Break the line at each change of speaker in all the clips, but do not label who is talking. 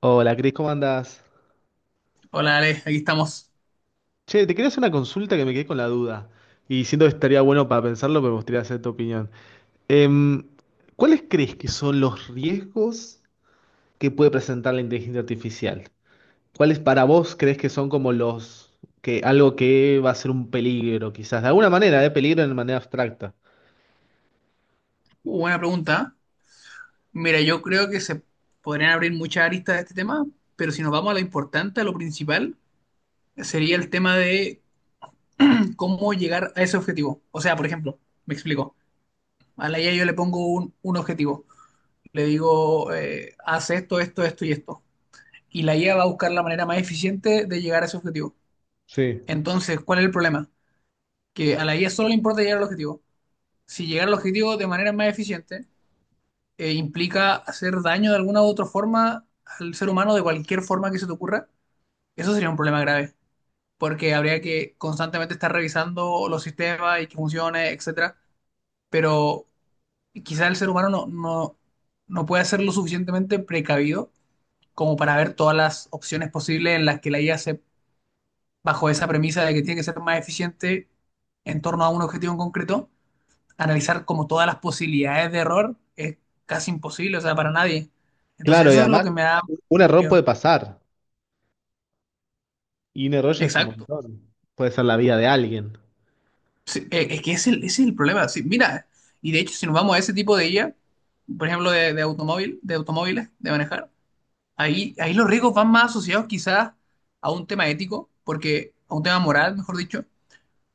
Hola, Cris, ¿cómo andás?
Hola Ale, aquí estamos.
Che, te quería hacer una consulta que me quedé con la duda. Y siento que estaría bueno para pensarlo, pero me gustaría hacer tu opinión. Em, ¿Cuáles crees que son los riesgos que puede presentar la inteligencia artificial? ¿Cuáles para vos crees que son como los que algo que va a ser un peligro, quizás? De alguna manera, ¿eh? Peligro de manera abstracta.
Buena pregunta. Mira, yo creo que se podrían abrir muchas aristas de este tema, pero si nos vamos a lo importante, a lo principal, sería el tema de cómo llegar a ese objetivo. O sea, por ejemplo, me explico. A la IA yo le pongo un objetivo. Le digo, haz esto, esto, esto y esto. Y la IA va a buscar la manera más eficiente de llegar a ese objetivo.
Sí.
Entonces, ¿cuál es el problema? Que a la IA solo le importa llegar al objetivo. Si llegar al objetivo de manera más eficiente, implica hacer daño de alguna u otra forma al ser humano, de cualquier forma que se te ocurra, eso sería un problema grave, porque habría que constantemente estar revisando los sistemas y que funcione, etcétera. Pero quizá el ser humano no puede ser lo suficientemente precavido como para ver todas las opciones posibles en las que la IA se, bajo esa premisa de que tiene que ser más eficiente en torno a un objetivo en concreto, analizar como todas las posibilidades de error es casi imposible, o sea, para nadie. Entonces
Claro, y
eso es lo
además,
que me da
un
más
error
miedo.
puede pasar. Y un error ya es un
Exacto.
montón. Puede ser la vida de alguien.
Sí, es que ese es el problema. Sí, mira, y de hecho, si nos vamos a ese tipo de IA, por ejemplo, de automóvil, de automóviles, de manejar, ahí los riesgos van más asociados quizás a un tema ético, porque, a un tema moral, mejor dicho,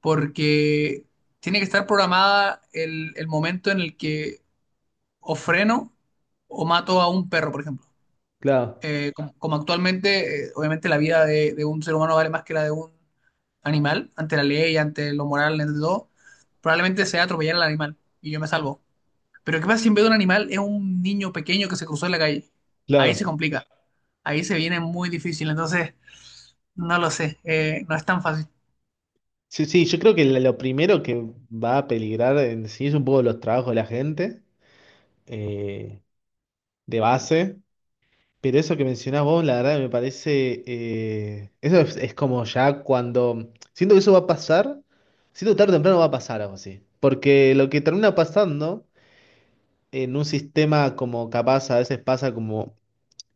porque tiene que estar programada el momento en el que o freno o mato a un perro, por ejemplo.
Claro,
Como actualmente, obviamente la vida de un ser humano vale más que la de un animal, ante la ley, ante lo moral, ante todo, probablemente sea atropellar al animal y yo me salvo. Pero ¿qué pasa si en vez de un animal es un niño pequeño que se cruzó en la calle? Ahí se
claro.
complica, ahí se viene muy difícil, entonces no lo sé, no es tan fácil.
Sí, sí, yo creo que lo primero que va a peligrar en sí es un poco los trabajos de la gente, eh, de base, pero eso que mencionás vos, la verdad me parece, eso es como ya cuando, siento que eso va a pasar, siento que tarde o temprano va a pasar algo así, porque lo que termina pasando en un sistema como capaz a veces pasa como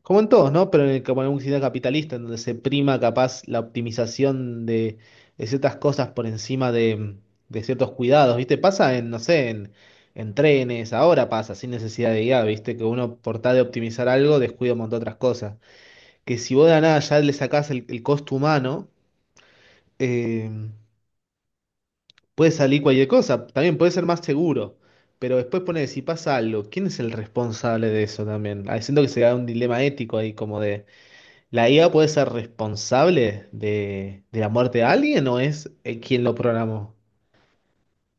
como en todos, ¿no? Pero en el, como en un sistema capitalista, en donde se prima capaz la optimización de ciertas cosas por encima de ciertos cuidados, ¿viste? Pasa en, no sé, en trenes, ahora pasa, sin necesidad de I a, ¿viste? Que uno por tal de optimizar algo descuida un montón de otras cosas. Que si vos de la nada ya le sacás el costo humano, eh, puede salir cualquier cosa, también puede ser más seguro. Pero después pone, si pasa algo, ¿quién es el responsable de eso también? Ah, siento que se da un dilema ético ahí, como de... ¿La IA puede ser responsable de la muerte de alguien o es quien lo programó?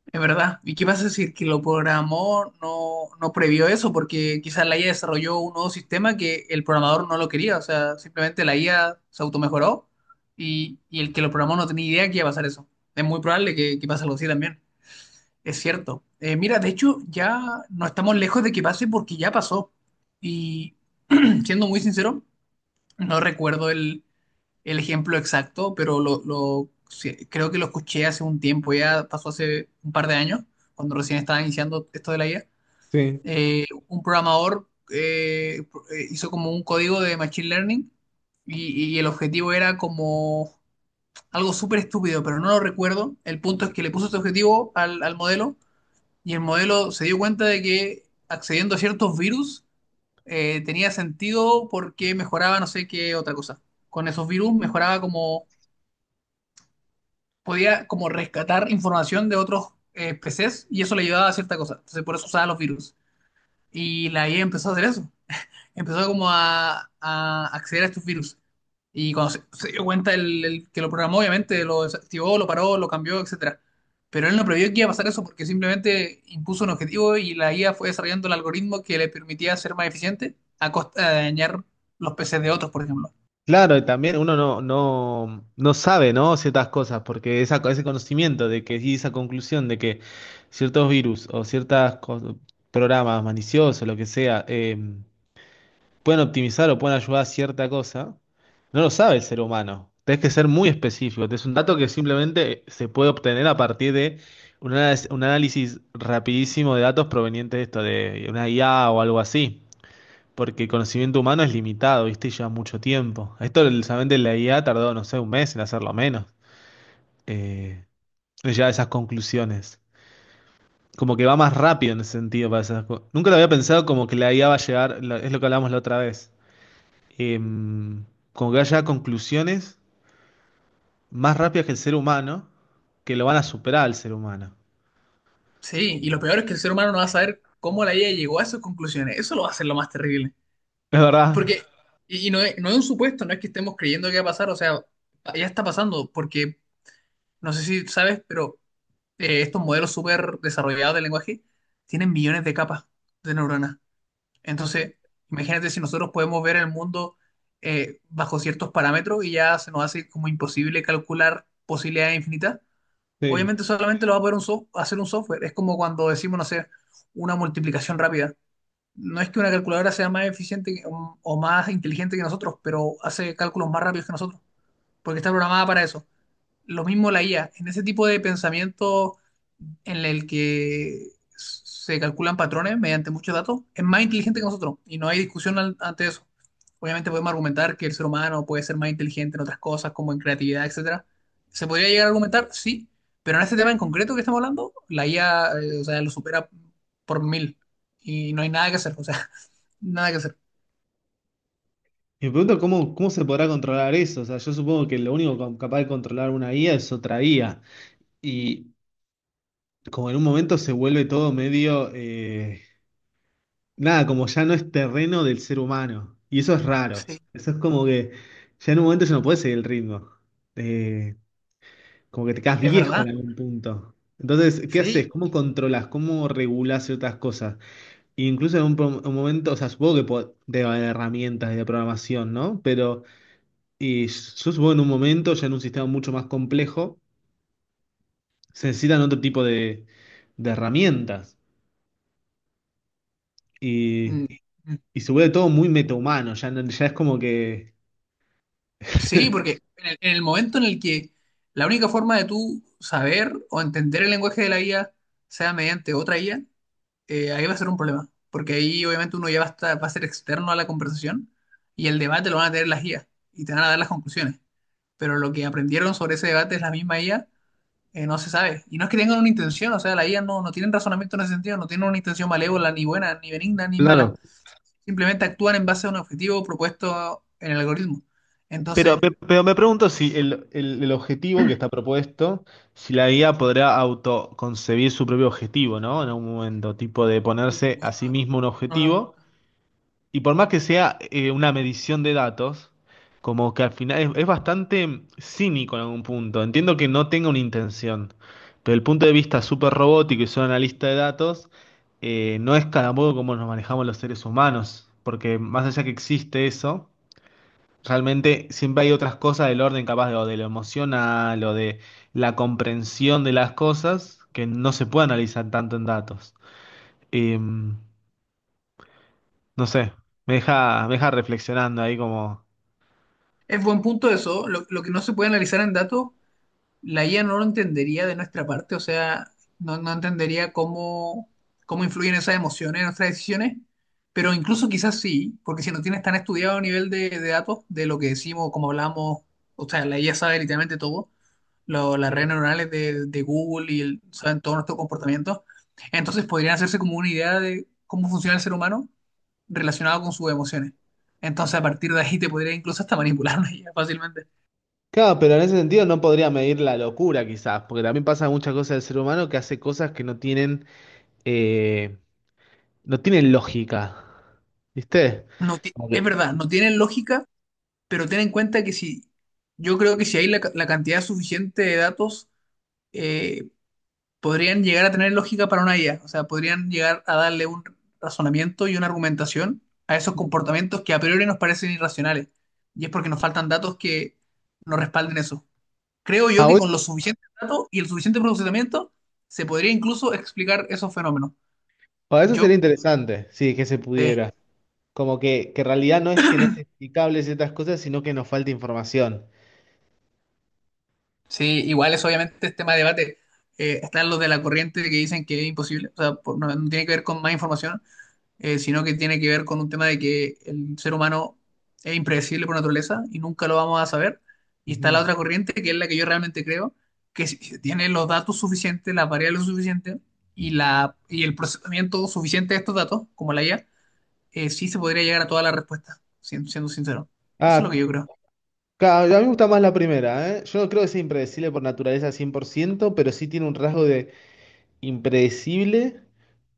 Es verdad. ¿Y qué pasa si el que lo programó no previó eso? Porque quizás la IA desarrolló un nuevo sistema que el programador no lo quería. O sea, simplemente la IA se automejoró y el que lo programó no tenía idea que iba a pasar eso. Es muy probable que pase algo así también. Es cierto. Mira, de hecho, ya no estamos lejos de que pase porque ya pasó. Y siendo muy sincero, no recuerdo el ejemplo exacto, pero sí, creo que lo escuché hace un tiempo, ya pasó hace un par de años, cuando recién estaba iniciando esto de la IA.
Sí.
Un programador hizo como un código de Machine Learning y el objetivo era como algo súper estúpido, pero no lo recuerdo. El punto es que le puso este objetivo al modelo y el modelo se dio cuenta de que accediendo a ciertos virus tenía sentido porque mejoraba no sé qué otra cosa. Con esos virus mejoraba como podía como rescatar información de otros PCs y eso le ayudaba a cierta cosa. Entonces por eso usaba los virus. Y la IA empezó a hacer eso. Empezó como a acceder a estos virus. Y cuando se dio cuenta el que lo programó, obviamente lo desactivó, lo paró, lo cambió, etcétera. Pero él no previó que iba a pasar eso porque simplemente impuso un objetivo y la IA fue desarrollando el algoritmo que le permitía ser más eficiente a costa de dañar los PCs de otros, por ejemplo.
Claro, y también uno no sabe, ¿no? Ciertas cosas, porque ese conocimiento de que y esa conclusión de que ciertos virus o ciertos programas maliciosos, lo que sea, pueden optimizar o pueden ayudar a cierta cosa, no lo sabe el ser humano. Tenés que ser muy específico. Es un dato que simplemente se puede obtener a partir de un análisis rapidísimo de datos provenientes de esto, de una IA o algo así. Porque el conocimiento humano es limitado, ¿viste? Y lleva mucho tiempo. Esto solamente la IA tardó, no sé, un mes en hacerlo menos. Eh, ya esas conclusiones. Como que va más rápido en ese sentido para esas nunca lo había pensado como que la IA va a llegar, es lo que hablamos la otra vez, em, como que haya conclusiones más rápidas que el ser humano, que lo van a superar al ser humano.
Sí, y lo peor es que el ser humano no va a saber cómo la IA llegó a esas conclusiones. Eso lo va a hacer lo más terrible.
Es
Porque,
verdad.
y no es, no es un supuesto, no es que estemos creyendo que va a pasar, o sea, ya está pasando, porque no sé si sabes, pero estos modelos súper desarrollados de lenguaje tienen millones de capas de neuronas. Entonces, imagínate si nosotros podemos ver el mundo bajo ciertos parámetros y ya se nos hace como imposible calcular posibilidades infinitas.
Sí.
Obviamente solamente lo va a poder un hacer un software. Es como cuando decimos, no sé, una multiplicación rápida no es que una calculadora sea más eficiente que- o más inteligente que nosotros, pero hace cálculos más rápidos que nosotros, porque está programada para eso. Lo mismo la IA, en ese tipo de pensamiento en el que se calculan patrones mediante muchos datos, es más inteligente que nosotros y no hay discusión al- ante eso. Obviamente podemos argumentar que el ser humano puede ser más inteligente en otras cosas, como en creatividad, etcétera. ¿Se podría llegar a argumentar? Sí, pero en este tema en concreto que estamos hablando, la IA, o sea, lo supera por mil y no hay nada que hacer, o sea, nada que hacer.
Y me pregunto cómo, cómo se podrá controlar eso. O sea, yo supongo que lo único capaz de controlar una IA es otra IA. Y como en un momento se vuelve todo medio... nada, como ya no es terreno del ser humano. Y eso es raro.
Sí,
Eso es como que ya en un momento ya no puede seguir el ritmo. Eh, Como que te quedas
es
viejo en
verdad.
algún punto. Entonces, ¿qué haces?
Sí.
¿Cómo controlas? ¿Cómo regulas ciertas cosas? E incluso en un, un momento, o sea, supongo que debe haber herramientas de programación, ¿no? Pero y yo supongo en un momento, ya en un sistema mucho más complejo, se necesitan otro tipo de herramientas. Y,
Mm.
y se vuelve todo muy metahumano, ya, ya es como que...
Sí, porque en el momento en el que la única forma de tú saber o entender el lenguaje de la IA sea mediante otra IA, ahí va a ser un problema. Porque ahí obviamente uno ya va a, estar- va a ser externo a la conversación y el debate lo van a tener las IA y te van a dar las conclusiones. Pero lo que aprendieron sobre ese debate es la misma IA, no se sabe. Y no es que tengan una intención, o sea, la IA no tienen razonamiento en ese sentido, no tienen una intención malévola, ni buena, ni benigna, ni mala.
Claro.
Simplemente actúan en base a un objetivo propuesto en el algoritmo.
Pero,
Entonces...
pero me pregunto si el, el objetivo que está propuesto, si la guía podrá autoconcebir su propio objetivo, ¿no? En algún momento, tipo de ponerse a
Eso
sí
no,
mismo un
No, no.
objetivo, y por más que sea una medición de datos, como que al final es bastante cínico en algún punto. Entiendo que no tenga una intención, pero el punto de vista súper robótico y solo analista de datos, no es cada modo como nos manejamos los seres humanos, porque más allá que existe eso. Realmente siempre hay otras cosas del orden, capaz de, o de lo emocional o de la comprensión de las cosas que no se puede analizar tanto en datos. No sé, me deja reflexionando ahí como...
Es buen punto eso. Lo que no se puede analizar en datos, la IA no lo entendería de nuestra parte, o sea, no entendería cómo, cómo influyen esas emociones en nuestras decisiones, pero incluso quizás sí, porque si no tienes tan estudiado a nivel de datos, de lo que decimos, cómo hablamos, o sea, la IA sabe literalmente todo, las redes
Sí.
neuronales de Google y el- saben todo nuestro comportamiento, entonces podrían hacerse como una idea de cómo funciona el ser humano relacionado con sus emociones. Entonces, a partir de ahí te podría incluso hasta manipular una IA fácilmente.
Claro, pero en ese sentido no podría medir la locura quizás, porque también pasa muchas cosas del ser humano que hace cosas que no tienen, eh, no tienen lógica, ¿viste? Como
Es
que...
verdad, no tiene lógica. Pero ten en cuenta que si, yo creo que si hay la cantidad suficiente de datos, eh, podrían llegar a tener lógica para una IA. O sea, podrían llegar a darle un razonamiento y una argumentación a esos comportamientos que a priori nos parecen irracionales. Y es porque nos faltan datos que nos respalden eso. Creo yo
Ah,
que
bueno,
con los suficientes datos y el suficiente procesamiento se podría incluso explicar esos fenómenos.
ah, eso sería
Yo
interesante, sí, que se
eh,
pudiera. Como que en realidad no es que no es explicable ciertas cosas, sino que nos falta información.
Sí, igual es obviamente tema de debate. Están los de la corriente que dicen que es imposible, o sea, no, no tiene que ver con más información, sino que tiene que ver con un tema de que el ser humano es impredecible por naturaleza y nunca lo vamos a saber. Y está la
Ujú.
otra corriente, que es la que yo realmente creo, que si se tiene los datos suficientes, las variables suficientes y el procesamiento suficiente de estos datos, como la IA, sí se podría llegar a todas las respuestas, siendo sincero. Eso es lo
Ah,
que yo creo.
a mí me gusta más la primera, ¿eh? Yo no creo que sea impredecible por naturaleza cien por ciento, pero sí tiene un rasgo de impredecible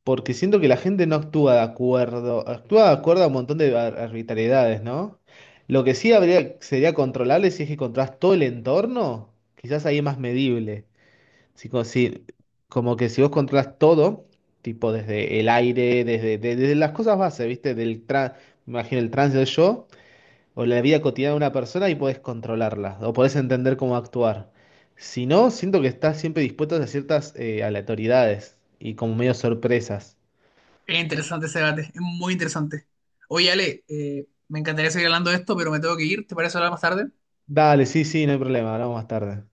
porque siento que la gente no actúa de acuerdo, actúa de acuerdo a un montón de arbitrariedades, ¿no? Lo que sí habría, sería controlable si es que controlas todo el entorno, quizás ahí es más medible. Sí, como, si... como que si vos controlas todo, tipo desde el aire, desde, desde las cosas bases, ¿viste? Del me imagino el trance del yo o la vida cotidiana de una persona y podés controlarla o podés entender cómo actuar. Si no, siento que estás siempre dispuesto a ciertas aleatoriedades y como medio sorpresas.
Es interesante ese debate, es muy interesante. Oye, Ale, me encantaría seguir hablando de esto, pero me tengo que ir. ¿Te parece hablar más tarde?
Dale, sí, sí, no hay problema, hablamos más tarde.